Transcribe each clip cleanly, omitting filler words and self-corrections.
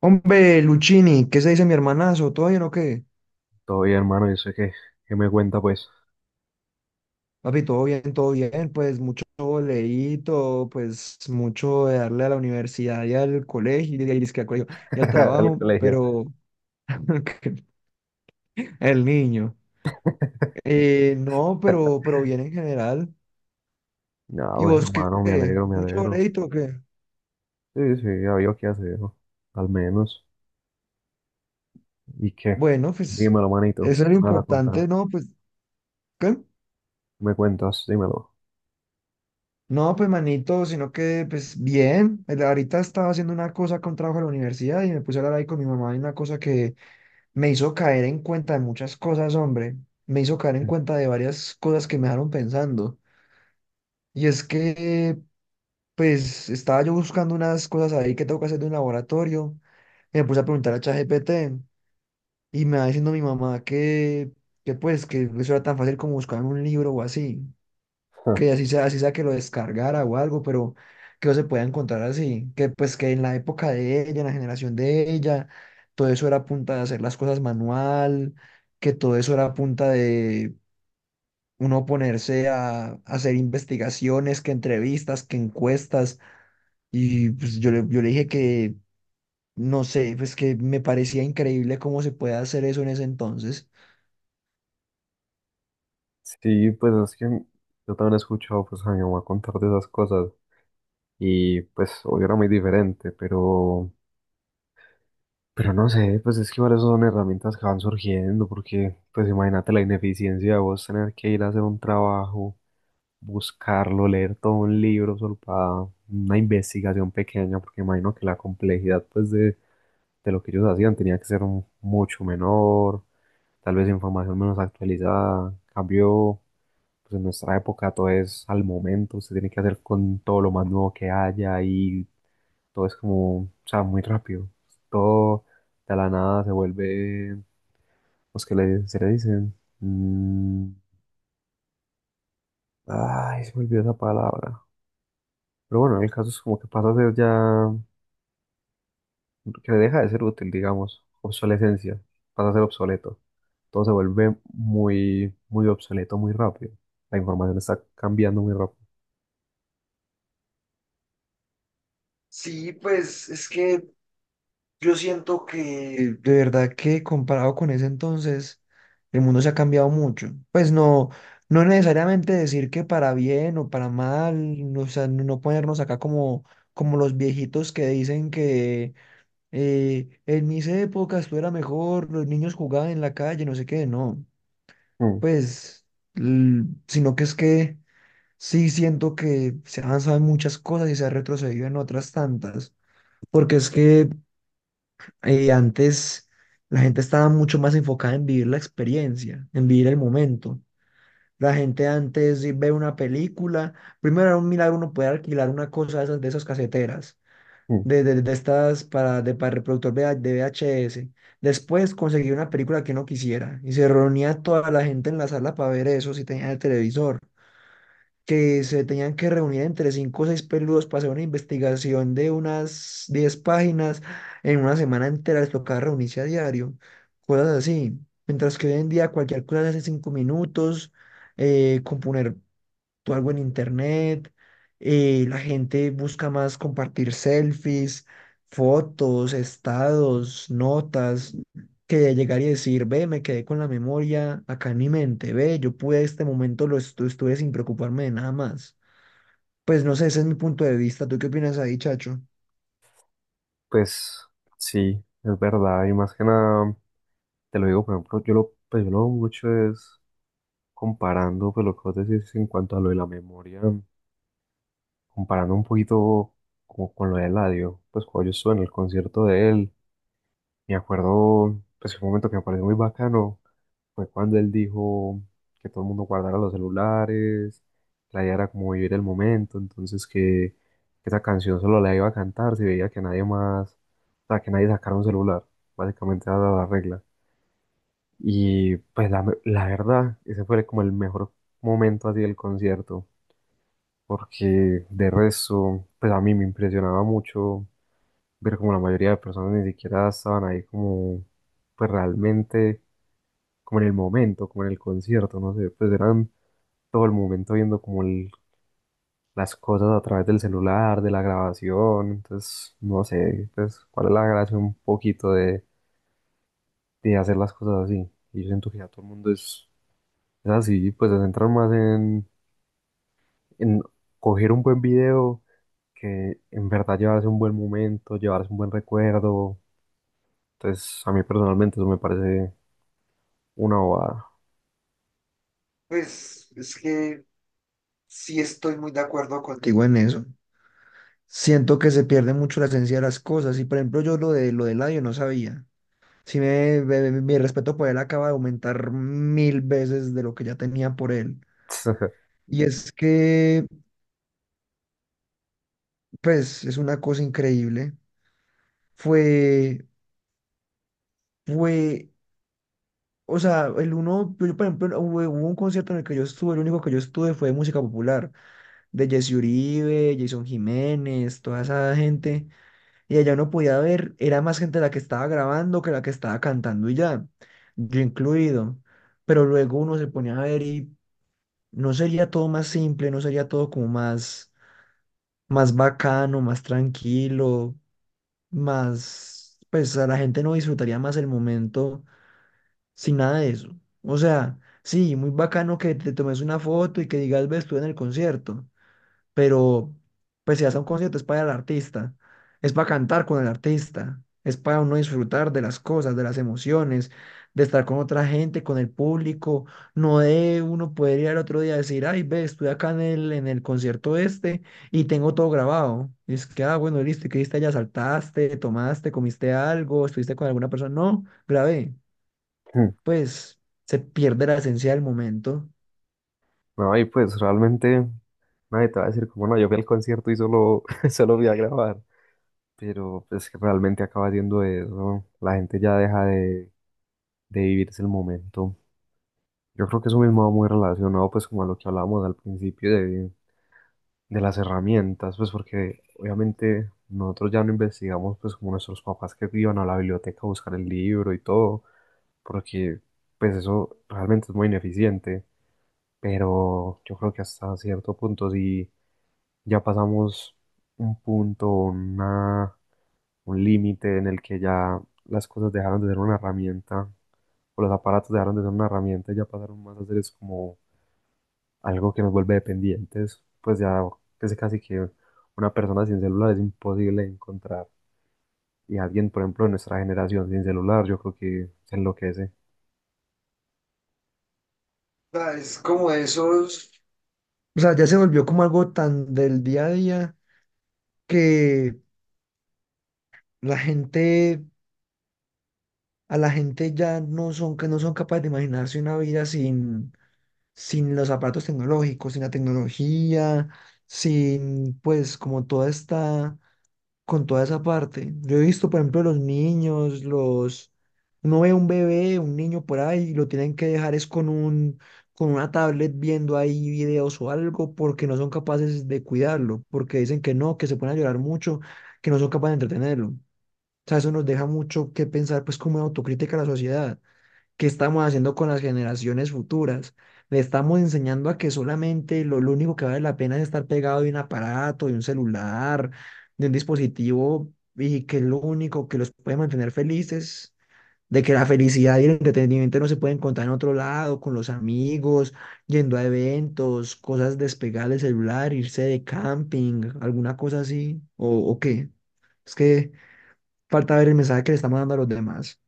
Hombre, Luchini, ¿qué se dice mi hermanazo? ¿Todo bien o qué? Todo bien, hermano. Yo sé que me cuenta, pues. Papi, todo bien, pues mucho boleíto, pues mucho de darle a la universidad y al colegio, al colegio y al Al trabajo, colegio. pero el niño. No, pero bien en general. Ah, ¿Y bueno, vos qué? hermano, me alegro, me ¿Mucho alegro. boleíto o qué? Sí, sí, había qué hacer, ¿no? Al menos. ¿Y qué? Bueno, pues Dímelo, manito, eso es lo me vas a importante, contar. ¿no? Pues, ¿qué? ¿Me cuentas? Dímelo. No, pues manito, sino que pues bien, ahorita estaba haciendo una cosa con trabajo de la universidad y me puse a hablar ahí con mi mamá y una cosa que me hizo caer en cuenta de muchas cosas, hombre, me hizo caer en cuenta de varias cosas que me dejaron pensando. Y es que pues estaba yo buscando unas cosas ahí que tengo que hacer de un laboratorio y me puse a preguntar a ChatGPT y me va diciendo mi mamá que pues que eso era tan fácil como buscar en un libro o así. Que así sea que lo descargara o algo, pero que no se pueda encontrar así, que pues que en la época de ella, en la generación de ella, todo eso era a punta de hacer las cosas manual, que todo eso era a punta de uno ponerse a hacer investigaciones, que entrevistas, que encuestas, y pues yo le dije que, no sé, pues que me parecía increíble cómo se puede hacer eso en ese entonces. Sí, pues es que yo también he escuchado, pues, a mi mamá contar de esas cosas, y pues hoy era muy diferente, pero no sé, pues es que igual esas son herramientas que van surgiendo, porque pues imagínate la ineficiencia de vos tener que ir a hacer un trabajo, buscarlo, leer todo un libro solo para una investigación pequeña, porque imagino que la complejidad pues de lo que ellos hacían tenía que ser mucho menor, tal vez información menos actualizada. En cambio, pues en nuestra época todo es al momento, se tiene que hacer con todo lo más nuevo que haya, y todo es como, o sea, muy rápido. Todo de la nada se vuelve, pues que le, se le dicen. Mm, ay, se me olvidó esa palabra. Pero bueno, el caso es como que pasa a ser ya, que deja de ser útil, digamos, obsolescencia, pasa a ser obsoleto. Todo se vuelve muy, muy obsoleto muy rápido. La información está cambiando muy rápido. Sí, pues es que yo siento que de verdad que comparado con ese entonces, el mundo se ha cambiado mucho. Pues no, no necesariamente decir que para bien o para mal, o sea, no ponernos acá como, como los viejitos que dicen que en mis épocas tú era mejor, los niños jugaban en la calle, no sé qué, no. Mm, Pues, sino que es que sí siento que se ha avanzado en muchas cosas y se ha retrocedido en otras tantas. Porque es que antes la gente estaba mucho más enfocada en vivir la experiencia, en vivir el momento. La gente antes sí ve una película, primero era un milagro uno poder alquilar una cosa de esas caseteras, mm. de estas para, de, para reproductor de VHS. Después conseguir una película que uno quisiera y se reunía toda la gente en la sala para ver eso si tenía el televisor que se tenían que reunir entre cinco o seis peludos para hacer una investigación de unas 10 páginas en una semana entera, les tocaba reunirse a diario, cosas así. Mientras que hoy en día cualquier cosa se hace en cinco minutos, componer tú algo en internet, la gente busca más compartir selfies, fotos, estados, notas, que de llegar y decir, ve, me quedé con la memoria acá en mi mente, ve, yo pude este momento, estuve sin preocuparme de nada más. Pues no sé, ese es mi punto de vista. ¿Tú qué opinas ahí, Chacho? Pues sí, es verdad. Y más que nada, te lo digo, por ejemplo, yo lo, pues yo lo hago mucho es comparando, pues lo que vos decís en cuanto a lo de la memoria, comparando un poquito como con lo de Eladio. Pues cuando yo estuve en el concierto de él, me acuerdo, pues, un momento que me pareció muy bacano fue cuando él dijo que todo el mundo guardara los celulares, la idea era como vivir el momento, entonces que esa canción solo la iba a cantar si veía que nadie más, o sea, que nadie sacara un celular, básicamente era la regla. Y pues la verdad, ese fue como el mejor momento así del concierto, porque de resto, pues a mí me impresionaba mucho ver como la mayoría de personas ni siquiera estaban ahí como, pues realmente como en el momento, como en el concierto, no sé, pues eran todo el momento viendo como las cosas a través del celular, de la grabación, entonces no sé, pues cuál es la gracia un poquito de hacer las cosas así. Y yo siento que ya todo el mundo es así, pues se centran más en coger un buen video, que en verdad llevarse un buen momento, llevarse un buen recuerdo. Entonces a mí personalmente eso me parece una bobada. Pues es que sí estoy muy de acuerdo contigo en eso. Siento que se pierde mucho la esencia de las cosas y por ejemplo yo lo de lo del audio no sabía. Sí, mi respeto por él acaba de aumentar mil veces de lo que ya tenía por él. Y es que, pues, es una cosa increíble. Fue, fue, o sea, por ejemplo, no, hubo, hubo un concierto en el que yo estuve, el único que yo estuve fue de música popular, de Jesse Uribe, Jason Jiménez, toda esa gente. Y allá uno podía ver, era más gente la que estaba grabando que la que estaba cantando y ya, yo incluido. Pero luego uno se ponía a ver y ¿no sería todo más simple? ¿No sería todo como más, más bacano, más tranquilo, más, pues a la gente no disfrutaría más el momento sin nada de eso? O sea, sí, muy bacano que te tomes una foto y que digas, ves, estuve en el concierto, pero pues si vas a un concierto es para el artista, es para cantar con el artista, es para uno disfrutar de las cosas, de las emociones, de estar con otra gente, con el público, no de uno poder ir al otro día a decir, ay, ve, estuve acá en el concierto este y tengo todo grabado. Y es que, ah, bueno, listo, ¿y qué hiciste allá? ¿Saltaste, tomaste, comiste algo, estuviste con alguna persona? No, grabé. Pues se pierde la esencia del momento. No, y pues realmente nadie te va a decir como no, yo fui al concierto y solo, solo fui a grabar. Pero pues que realmente acaba siendo eso. La gente ya deja de vivirse el momento. Yo creo que eso mismo va muy relacionado pues como a lo que hablábamos al principio de las herramientas, pues porque obviamente nosotros ya no investigamos pues como nuestros papás, que iban a la biblioteca a buscar el libro y todo, porque pues eso realmente es muy ineficiente. Pero yo creo que hasta cierto punto sí ya pasamos un punto, una, un límite en el que ya las cosas dejaron de ser una herramienta, o los aparatos dejaron de ser una herramienta, y ya pasaron más a ser es como algo que nos vuelve dependientes. Pues ya es casi que una persona sin celular es imposible encontrar. Y alguien, por ejemplo, de nuestra generación sin celular, yo creo que se enloquece. Sea, es como esos. O sea, ya se volvió como algo tan del día a día que la gente, a la gente ya no son, que no son capaces de imaginarse una vida sin los aparatos tecnológicos, sin la tecnología, sin pues como toda esta con toda esa parte. Yo he visto, por ejemplo, los niños, los... Uno ve un bebé, un niño por ahí, y lo tienen que dejar es con una tablet viendo ahí videos o algo, porque no son capaces de cuidarlo, porque dicen que no, que se ponen a llorar mucho, que no son capaces de entretenerlo. O sea, eso nos deja mucho que pensar, pues, como en autocrítica a la sociedad. ¿Qué estamos haciendo con las generaciones futuras? Le estamos enseñando a que solamente lo único que vale la pena es estar pegado de un aparato, de un celular, de un dispositivo, y que lo único que los puede mantener felices, de que la felicidad y el entretenimiento no se pueden encontrar en otro lado, con los amigos, yendo a eventos, cosas despegar del celular, irse de camping, alguna cosa así, o qué. Es que falta ver el mensaje que le estamos dando a los demás.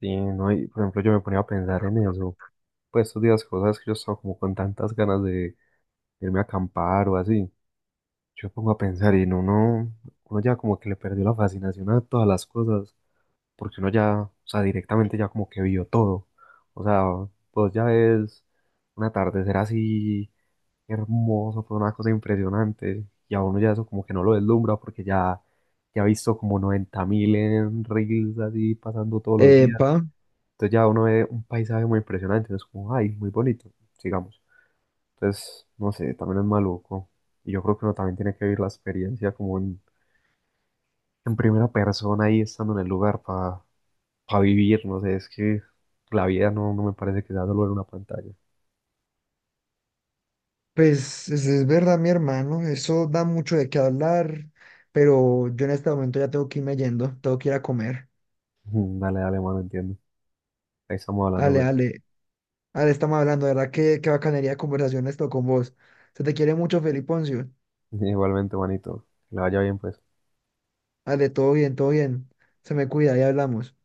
Sí, ¿no? Y, por ejemplo, yo me ponía a pensar en eso. Pues estos días, cosas que yo estaba como con tantas ganas de irme a acampar o así. Yo me pongo a pensar y no, uno ya como que le perdió la fascinación a todas las cosas, porque uno ya, o sea, directamente ya como que vio todo. O sea, pues ya ves un atardecer así hermoso, fue una cosa impresionante, y a uno ya eso como que no lo deslumbra porque ya, ya ha visto como 90 mil en reels así pasando todos los días. Epa. Entonces ya uno ve un paisaje muy impresionante, es como, ay, muy bonito, sigamos. Entonces, no sé, también es maluco. Y yo creo que uno también tiene que vivir la experiencia como en primera persona ahí estando en el lugar para vivir, no sé, es que la vida no, no me parece que sea solo en una pantalla. Pues es verdad, mi hermano, eso da mucho de qué hablar, pero yo en este momento ya tengo que irme yendo, tengo que ir a comer. Dale, dale, mano, entiendo. Ahí estamos hablando, Ale, pues. ale, ale, estamos hablando, de verdad, qué, qué bacanería de conversación esto con vos. Se te quiere mucho, Feliponcio. Igualmente, manito. Que le vaya bien, pues. Ale, todo bien, todo bien. Se me cuida, ya hablamos.